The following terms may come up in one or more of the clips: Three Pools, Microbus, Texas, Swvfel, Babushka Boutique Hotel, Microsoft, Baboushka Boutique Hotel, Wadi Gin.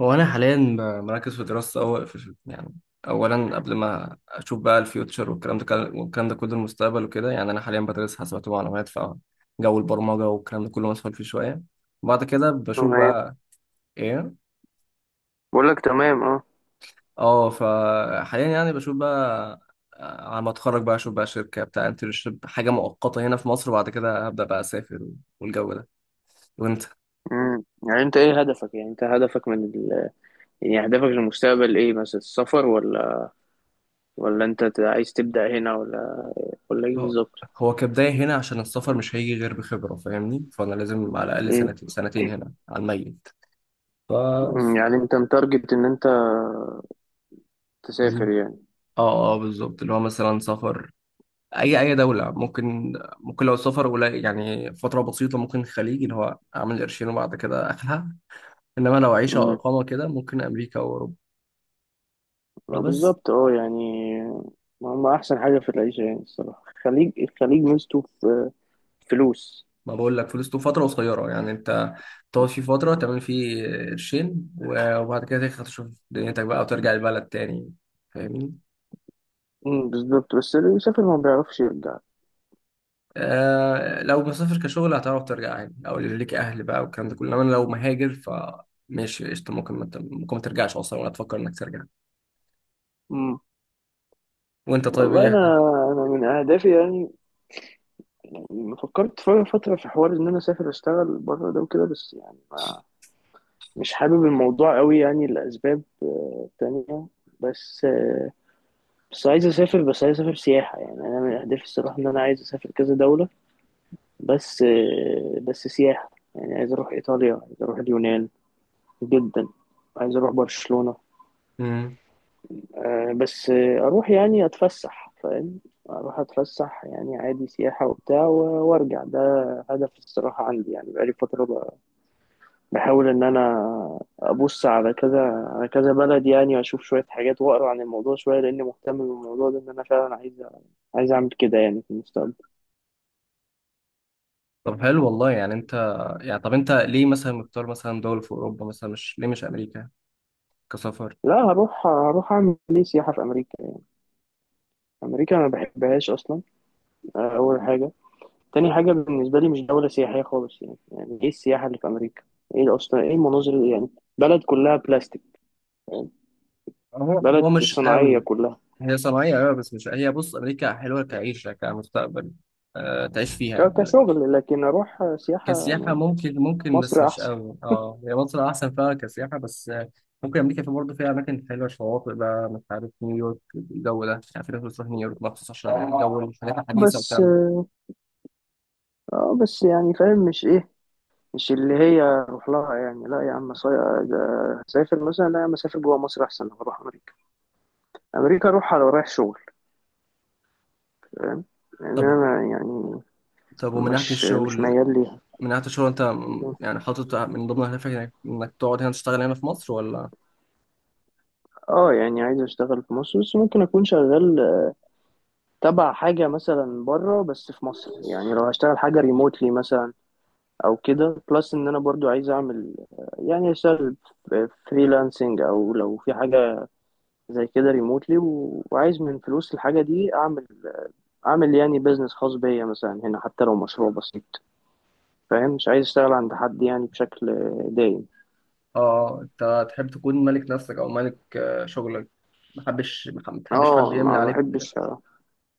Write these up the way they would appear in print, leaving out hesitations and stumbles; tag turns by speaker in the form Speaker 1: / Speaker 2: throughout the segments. Speaker 1: هو انا حاليا مركز في دراسه أول في اولا قبل ما اشوف بقى الفيوتشر والكلام ده كله المستقبل وكده يعني انا حاليا بدرس حاسبات ومعلومات فجو البرمجه والكلام ده كله مسؤول فيه شويه. بعد كده بشوف
Speaker 2: تمام.
Speaker 1: بقى ايه.
Speaker 2: بقول لك تمام اه.
Speaker 1: اه فحاليا يعني بشوف بقى. على ما اتخرج بقى اشوف بقى شركه بتاع انترنشيب، حاجه مؤقته هنا في مصر، وبعد كده هبدا بقى اسافر والجو ده. وانت؟
Speaker 2: يعني انت ايه هدفك؟ يعني انت هدفك من ال... يعني هدفك للمستقبل ايه، مثلا السفر ولا انت عايز تبدأ هنا، ولا ايه
Speaker 1: هو
Speaker 2: بالظبط؟
Speaker 1: كبداية هنا، عشان السفر مش هيجي غير بخبرة، فاهمني؟ فأنا لازم على الأقل
Speaker 2: امم
Speaker 1: سنتين هنا على الميت. ف
Speaker 2: أمم، يعني انت متارجت ان انت تسافر
Speaker 1: مم.
Speaker 2: يعني.
Speaker 1: اه اه بالظبط، اللي هو مثلا سفر أي دولة ممكن. ممكن لو سفر قليل، يعني فترة بسيطة، ممكن الخليج، اللي هو أعمل قرشين وبعد كده أخلع. إنما لو عيشة أو
Speaker 2: امم
Speaker 1: إقامة كده ممكن أمريكا أو أوروبا.
Speaker 2: آه،
Speaker 1: فبس.
Speaker 2: بالظبط اه يعني. ما هم احسن حاجة في العيشة يعني الصراحة، الخليج. الخليج ميزته في فلوس.
Speaker 1: ما بقول لك، فلوس تبقى فترة قصيرة، يعني أنت تقعد فيه فترة تعمل فيه قرشين وبعد كده تاخد تشوف دنيتك بقى وترجع البلد تاني، فاهمني؟
Speaker 2: بالظبط، بس اللي بيسافر ما بيعرفش يرجع.
Speaker 1: آه لو مسافر كشغل هتعرف ترجع عادي، او اللي ليك اهل بقى والكلام ده كله، انما لو مهاجر ماشي قشطة، ممكن ما ت- ممكن ما ترجعش اصلا ولا تفكر انك ترجع.
Speaker 2: امم
Speaker 1: وانت طيب
Speaker 2: والله،
Speaker 1: ايه؟
Speaker 2: انا من اهدافي يعني. يعني فكرت فترة في حوار إن أنا أسافر أشتغل بره ده وكده، بس يعني ما مش حابب الموضوع قوي، يعني لأسباب تانية. بس آه، بس عايز أسافر سياحة، يعني أنا من أهدافي الصراحة إن أنا عايز أسافر كذا دولة. بس سياحة، يعني عايز أروح إيطاليا، عايز أروح اليونان جدا، عايز أروح برشلونة.
Speaker 1: مم.
Speaker 2: بس آه، أروح يعني أتفسح، فاهم؟ أروح أتفسح يعني عادي، سياحة وبتاع وأرجع. ده هدف الصراحة عندي، يعني بقالي فترة بحاول ان انا ابص على كذا بلد يعني، واشوف شويه حاجات واقرا عن الموضوع شويه، لاني مهتم بالموضوع ده ان انا فعلا عايز اعمل كده يعني في المستقبل.
Speaker 1: طب حلو والله. يعني انت، يعني طب انت ليه مثلا مختار مثلا دولة في اوروبا مثلا، مش ليه مش امريكا كسفر؟
Speaker 2: لا، هروح اعمل ليه سياحه في امريكا؟ امريكا انا ما بحبهاش اصلا. اول حاجه. تاني حاجه، بالنسبه لي مش دوله سياحيه خالص، يعني ايه السياحه اللي في امريكا؟ ايه اصلا، ايه المناظر يعني بلد كلها بلاستيك يعني،
Speaker 1: هو
Speaker 2: بلد
Speaker 1: مش
Speaker 2: صناعيه
Speaker 1: قوي.
Speaker 2: كلها.
Speaker 1: هي صناعية أوي بس مش هي بص، أمريكا حلوة كعيشة كمستقبل، أه تعيش فيها.
Speaker 2: كشغل، لكن اروح سياحه؟
Speaker 1: كسياحة ممكن، ممكن بس
Speaker 2: مصر
Speaker 1: مش
Speaker 2: احسن.
Speaker 1: قوي، اه، هي مصر أحسن فيها كسياحة، بس آه، ممكن أمريكا في برضه فيها أماكن حلوة، شواطئ بقى، مش عارف، نيويورك الجو ده، يعني في ناس بتروح نيويورك مخصوص عشان الجو الحاجات الحديثة
Speaker 2: بس
Speaker 1: والكلام ده.
Speaker 2: اه، بس يعني فاهم؟ مش ايه، مش اللي هي اروح لها يعني. لا يا عم، ده اسافر مثلا، لا يا عم. اسافر جوه مصر احسن لما اروح امريكا. امريكا اروح على رايح شغل، فاهم؟ لان
Speaker 1: طب،
Speaker 2: انا يعني
Speaker 1: ومن ناحية
Speaker 2: مش
Speaker 1: الشغل،
Speaker 2: ميال ليها.
Speaker 1: من ناحية الشغل أنت يعني حاطط من ضمن أهدافك إنك تقعد هنا تشتغل هنا في مصر ولا؟
Speaker 2: اه يعني عايز اشتغل في مصر، بس ممكن اكون شغال تبع حاجه مثلا بره بس في مصر، يعني لو هشتغل حاجه ريموتلي مثلا او كده. بلس ان انا برضو عايز اعمل، يعني اشتغل فريلانسنج او لو في حاجه زي كده ريموتلي، وعايز من فلوس الحاجه دي اعمل يعني بيزنس خاص بيا مثلا هنا، حتى لو مشروع بسيط. فاهم؟ مش عايز اشتغل عند حد يعني بشكل دايم.
Speaker 1: اه أنت تحب تكون ملك نفسك، أو ملك شغلك، ما تحبش حد
Speaker 2: اه
Speaker 1: يملي
Speaker 2: ما
Speaker 1: عليك.
Speaker 2: بحبش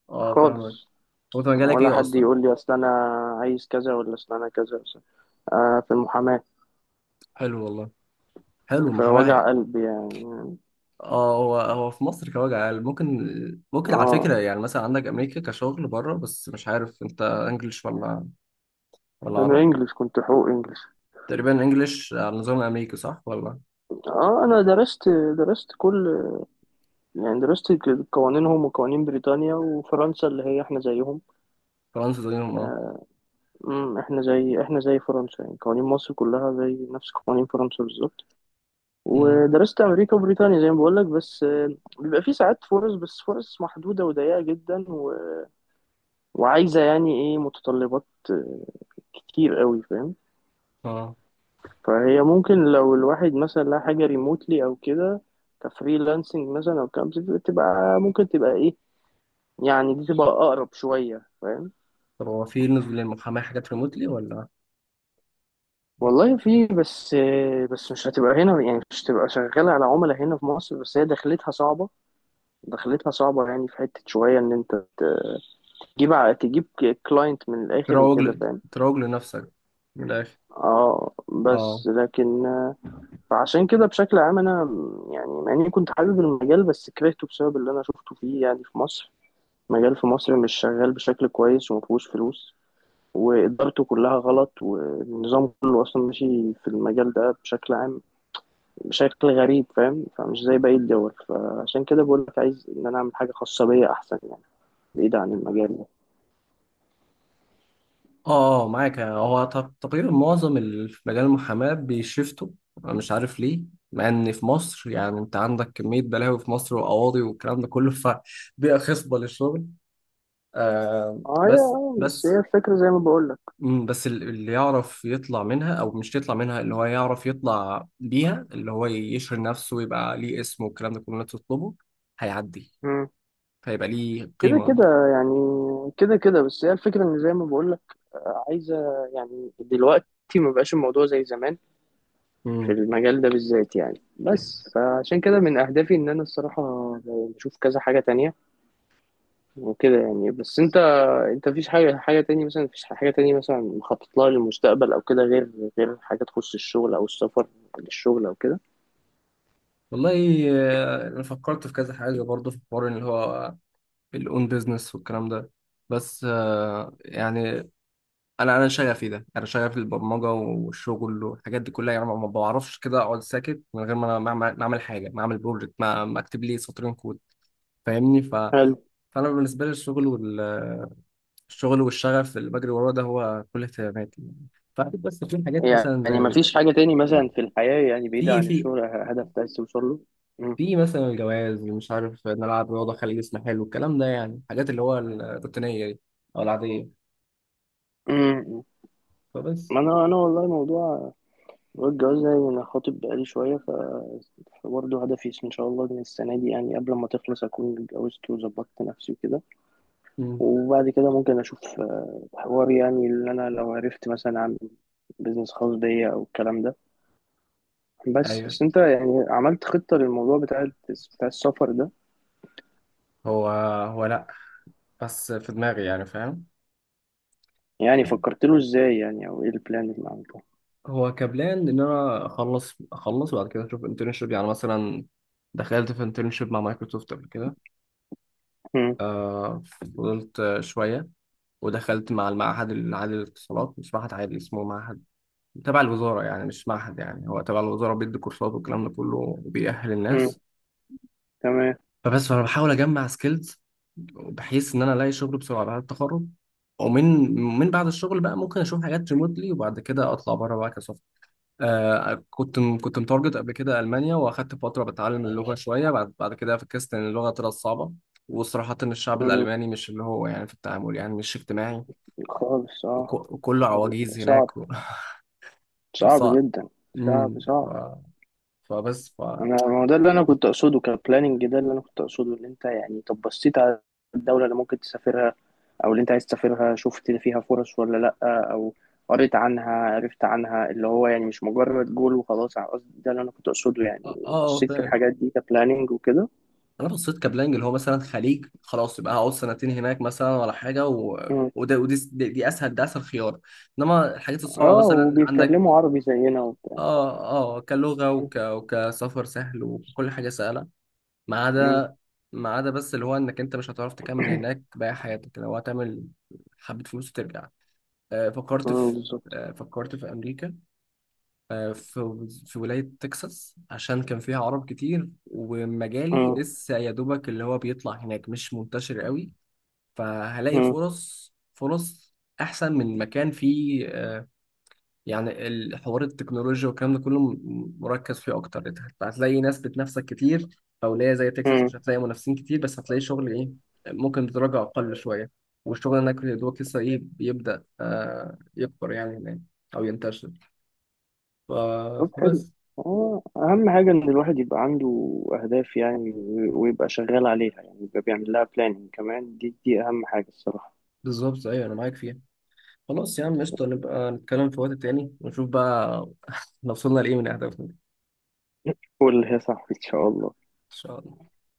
Speaker 1: اه فاهمك.
Speaker 2: خالص.
Speaker 1: هو أنت مجالك
Speaker 2: ولا
Speaker 1: إيه
Speaker 2: حد
Speaker 1: أصلا؟
Speaker 2: يقول لي اصل انا عايز كذا، ولا اصل انا كذا في المحاماة.
Speaker 1: حلو والله، حلو
Speaker 2: في وجع
Speaker 1: محاماة.
Speaker 2: قلب يعني.
Speaker 1: اه هو في مصر كوجع عال، ممكن. ممكن على
Speaker 2: اه
Speaker 1: فكرة، يعني مثلا عندك أمريكا كشغل بره، بس مش عارف أنت إنجلش ولا، ولا
Speaker 2: انا
Speaker 1: عربي؟
Speaker 2: انجلش، كنت حقوق انجلش.
Speaker 1: تقريبا إنجلش على النظام الأمريكي، صح ولا؟
Speaker 2: اه انا درست درست كل يعني درست قوانينهم وقوانين بريطانيا وفرنسا اللي هي احنا زيهم.
Speaker 1: فرنسا زيهم اه.
Speaker 2: احنا زي فرنسا يعني. قوانين مصر كلها زي نفس قوانين فرنسا بالظبط.
Speaker 1: أمم،
Speaker 2: ودرست امريكا وبريطانيا زي ما بقول لك. بس آه، بيبقى في ساعات فرص، بس فرص محدوده وضيقه جدا وعايزه يعني ايه، متطلبات كتير قوي، فاهم؟
Speaker 1: اه.
Speaker 2: فهي ممكن لو الواحد مثلا لها حاجه ريموتلي او كده، كفريلانسنج مثلا او كام، تبقى ممكن تبقى ايه، يعني دي تبقى اقرب شويه، فاهم؟
Speaker 1: طب هو في نزول للمحاماة حاجات ريموتلي ولا؟
Speaker 2: والله في، بس مش هتبقى هنا، يعني مش هتبقى شغاله على عملاء هنا في مصر. بس هي دخلتها صعبه. يعني في حته شويه ان انت تجيب كلاينت من الاخر وكده، فاهم؟
Speaker 1: تروج لنفسك من الآخر.
Speaker 2: اه
Speaker 1: اه.
Speaker 2: بس لكن فعشان كده بشكل عام انا يعني مع اني كنت حابب المجال، بس كرهته بسبب اللي انا شفته فيه يعني في مصر. مجال في مصر مش شغال بشكل كويس، ومفيهوش فلوس. وإدارته كلها غلط، والنظام كله أصلا ماشي في المجال ده بشكل عام، بشكل غريب، فاهم؟ فمش زي باقي الدول. فعشان كده بقول لك عايز إن أنا أعمل حاجة خاصة بيا أحسن يعني، بعيد عن المجال ده.
Speaker 1: اه اه معاك. هو تقريبا معظم في مجال المحاماة بيشفتوا، انا مش عارف ليه، مع ان في مصر يعني انت عندك كمية بلاوي في مصر وقواضي والكلام ده كله فبيئة خصبة للشغل. آه
Speaker 2: اه يا بس
Speaker 1: بس.
Speaker 2: هي الفكرة زي ما بقول لك.
Speaker 1: مم، اللي يعرف يطلع منها او مش يطلع منها، اللي هو يعرف يطلع بيها، اللي هو يشهر نفسه ويبقى ليه اسمه والكلام ده كله اللي تطلبه، هيعدي فيبقى ليه
Speaker 2: كده
Speaker 1: قيمة.
Speaker 2: كده يعني. كده كده بس هي الفكرة ان زي ما بقولك عايزة يعني، دلوقتي ما بقاش الموضوع زي زمان في
Speaker 1: مم.
Speaker 2: المجال ده بالذات يعني. بس فعشان كده من اهدافي ان انا الصراحة بشوف كذا حاجة تانية وكده يعني. بس انت مفيش حاجة تانية مثلا، مفيش حاجة تانية مثلا مخطط لها للمستقبل او كده، غير حاجة تخص الشغل او السفر للشغل او كده؟
Speaker 1: والله، آه، أنا فكرت في كذا حاجة برضه، في الحوار اللي هو الاون بيزنس والكلام ده، بس آه، يعني انا شغفي ده، انا شغفي البرمجه والشغل والحاجات دي كلها، يعني ما ما بعرفش كده اقعد ساكت من غير ما انا ما أعمل حاجه، ما اعمل بروجكت، ما ما اكتب لي سطرين كود، فاهمني؟ ف...
Speaker 2: حلو،
Speaker 1: فانا بالنسبه لي الشغل الشغل والشغف اللي بجري وراه ده هو كل اهتماماتي يعني. فأكيد بس في حاجات مثلا زي
Speaker 2: يعني
Speaker 1: ال...،
Speaker 2: مفيش حاجة تاني مثلا في الحياة يعني بعيدة
Speaker 1: في
Speaker 2: عن الشغل، هدف عايز توصل له؟
Speaker 1: في مثلا الجواز، مش عارف، نلعب رياضه، خلي جسمي حلو، الكلام ده، يعني الحاجات اللي هو الروتينيه دي او العاديه.
Speaker 2: مم.
Speaker 1: فبس.
Speaker 2: ما انا والله، موضوع الجواز ده، يعني انا خاطب بقالي شويه برضه هدفي ان شاء الله ان السنه دي، يعني قبل ما تخلص، اكون اتجوزت وظبطت نفسي وكده. وبعد كده ممكن اشوف حوار يعني اللي انا لو عرفت مثلا اعمل بيزنس خاص بيا او الكلام ده. بس
Speaker 1: ايوه.
Speaker 2: بس انت يعني عملت خطه للموضوع بتاع السفر ده؟
Speaker 1: هو لا، بس في دماغي يعني، فاهم؟
Speaker 2: يعني فكرت له ازاي يعني، او ايه البلان اللي عملته؟
Speaker 1: هو كبلان ان انا اخلص وبعد كده اشوف انترنشيب، يعني مثلا دخلت في انترنشيب مع مايكروسوفت قبل كده.
Speaker 2: مم.
Speaker 1: آه فضلت شويه، ودخلت مع المعهد العالي للاتصالات، مش معهد عالي، اسمه معهد تبع الوزاره، يعني مش معهد، يعني هو تبع الوزاره بيدي كورسات والكلام ده كله، وبيأهل
Speaker 2: مم.
Speaker 1: الناس.
Speaker 2: تمام.
Speaker 1: فبس انا بحاول اجمع سكيلز بحيث ان انا الاقي شغل بسرعه بعد التخرج، ومن من بعد الشغل بقى ممكن اشوف حاجات ريموتلي، وبعد كده اطلع بره بقى كسوفت. آه كنت متارجت قبل كده المانيا، واخدت فتره بتعلم اللغه شويه، بعد كده فكست ان اللغه طلعت صعبه، وصراحه إن الشعب
Speaker 2: مم.
Speaker 1: الالماني مش اللي هو يعني في التعامل يعني مش اجتماعي،
Speaker 2: خالص اه.
Speaker 1: وكله عواجيز
Speaker 2: صعب.
Speaker 1: هناك
Speaker 2: صعب
Speaker 1: وصعب.
Speaker 2: جدا. صعب
Speaker 1: ف...
Speaker 2: صعب.
Speaker 1: فبس اه.
Speaker 2: انا، ما هو ده اللي انا كنت اقصده كبلاننج. ده اللي انا كنت اقصده، ان انت يعني طب بصيت على الدوله اللي ممكن تسافرها او اللي انت عايز تسافرها، شفت فيها فرص ولا لا؟ او قريت عنها، عرفت عنها اللي هو يعني مش مجرد جول وخلاص؟ على قصدي، ده اللي انا كنت اقصده يعني،
Speaker 1: آه،
Speaker 2: بصيت في
Speaker 1: فاهم.
Speaker 2: الحاجات دي كبلاننج وكده؟
Speaker 1: انا بصيت كبلانج، اللي هو مثلا خليج خلاص، يبقى هقعد سنتين هناك مثلا ولا حاجه و...،
Speaker 2: مم.
Speaker 1: وده دي اسهل، ده اسهل خيار. انما الحاجات الصعبه
Speaker 2: اه
Speaker 1: مثلا عندك.
Speaker 2: وبيتكلموا عربي زينا وبتاع.
Speaker 1: اه اه كلغه
Speaker 2: مم.
Speaker 1: وك... وكسفر سهل، وكل حاجه سهله، ما
Speaker 2: مم.
Speaker 1: عدا، بس اللي هو انك انت مش هتعرف تكمل هناك باقي حياتك، لو هتعمل حبه فلوس وترجع. آه فكرت
Speaker 2: مم،
Speaker 1: في
Speaker 2: بالظبط.
Speaker 1: آه فكرت في امريكا، آه، في ولاية تكساس، عشان كان فيها عرب كتير، ومجالي
Speaker 2: مم.
Speaker 1: لسه يا دوبك اللي هو بيطلع هناك مش منتشر قوي، فهلاقي
Speaker 2: مم.
Speaker 1: فرص، أحسن من مكان فيه آه، يعني الحوار التكنولوجيا والكلام ده كله مركز فيه أكتر، أنت هتلاقي ناس بتنافسك كتير. في ولاية زي تكساس
Speaker 2: مم.
Speaker 1: مش هتلاقي منافسين كتير، بس هتلاقي شغل إيه ممكن بدرجة أقل شوية. والشغل هناك يا دوبك لسه إيه بيبدأ آه، يكبر يعني هناك أو ينتشر. ف-
Speaker 2: طب حلو.
Speaker 1: فبس.
Speaker 2: اه اهم حاجه ان الواحد يبقى عنده اهداف يعني، ويبقى شغال عليها يعني، يبقى بيعمل لها بلاننج كمان. دي اهم حاجه الصراحه.
Speaker 1: بالظبط ايوه انا معاك فيها. خلاص يا عم قشطه، نبقى نتكلم في وقت تاني ونشوف بقى لو وصلنا لايه من اهدافنا ان
Speaker 2: قول يا صاحبي، ان شاء الله.
Speaker 1: شاء الله.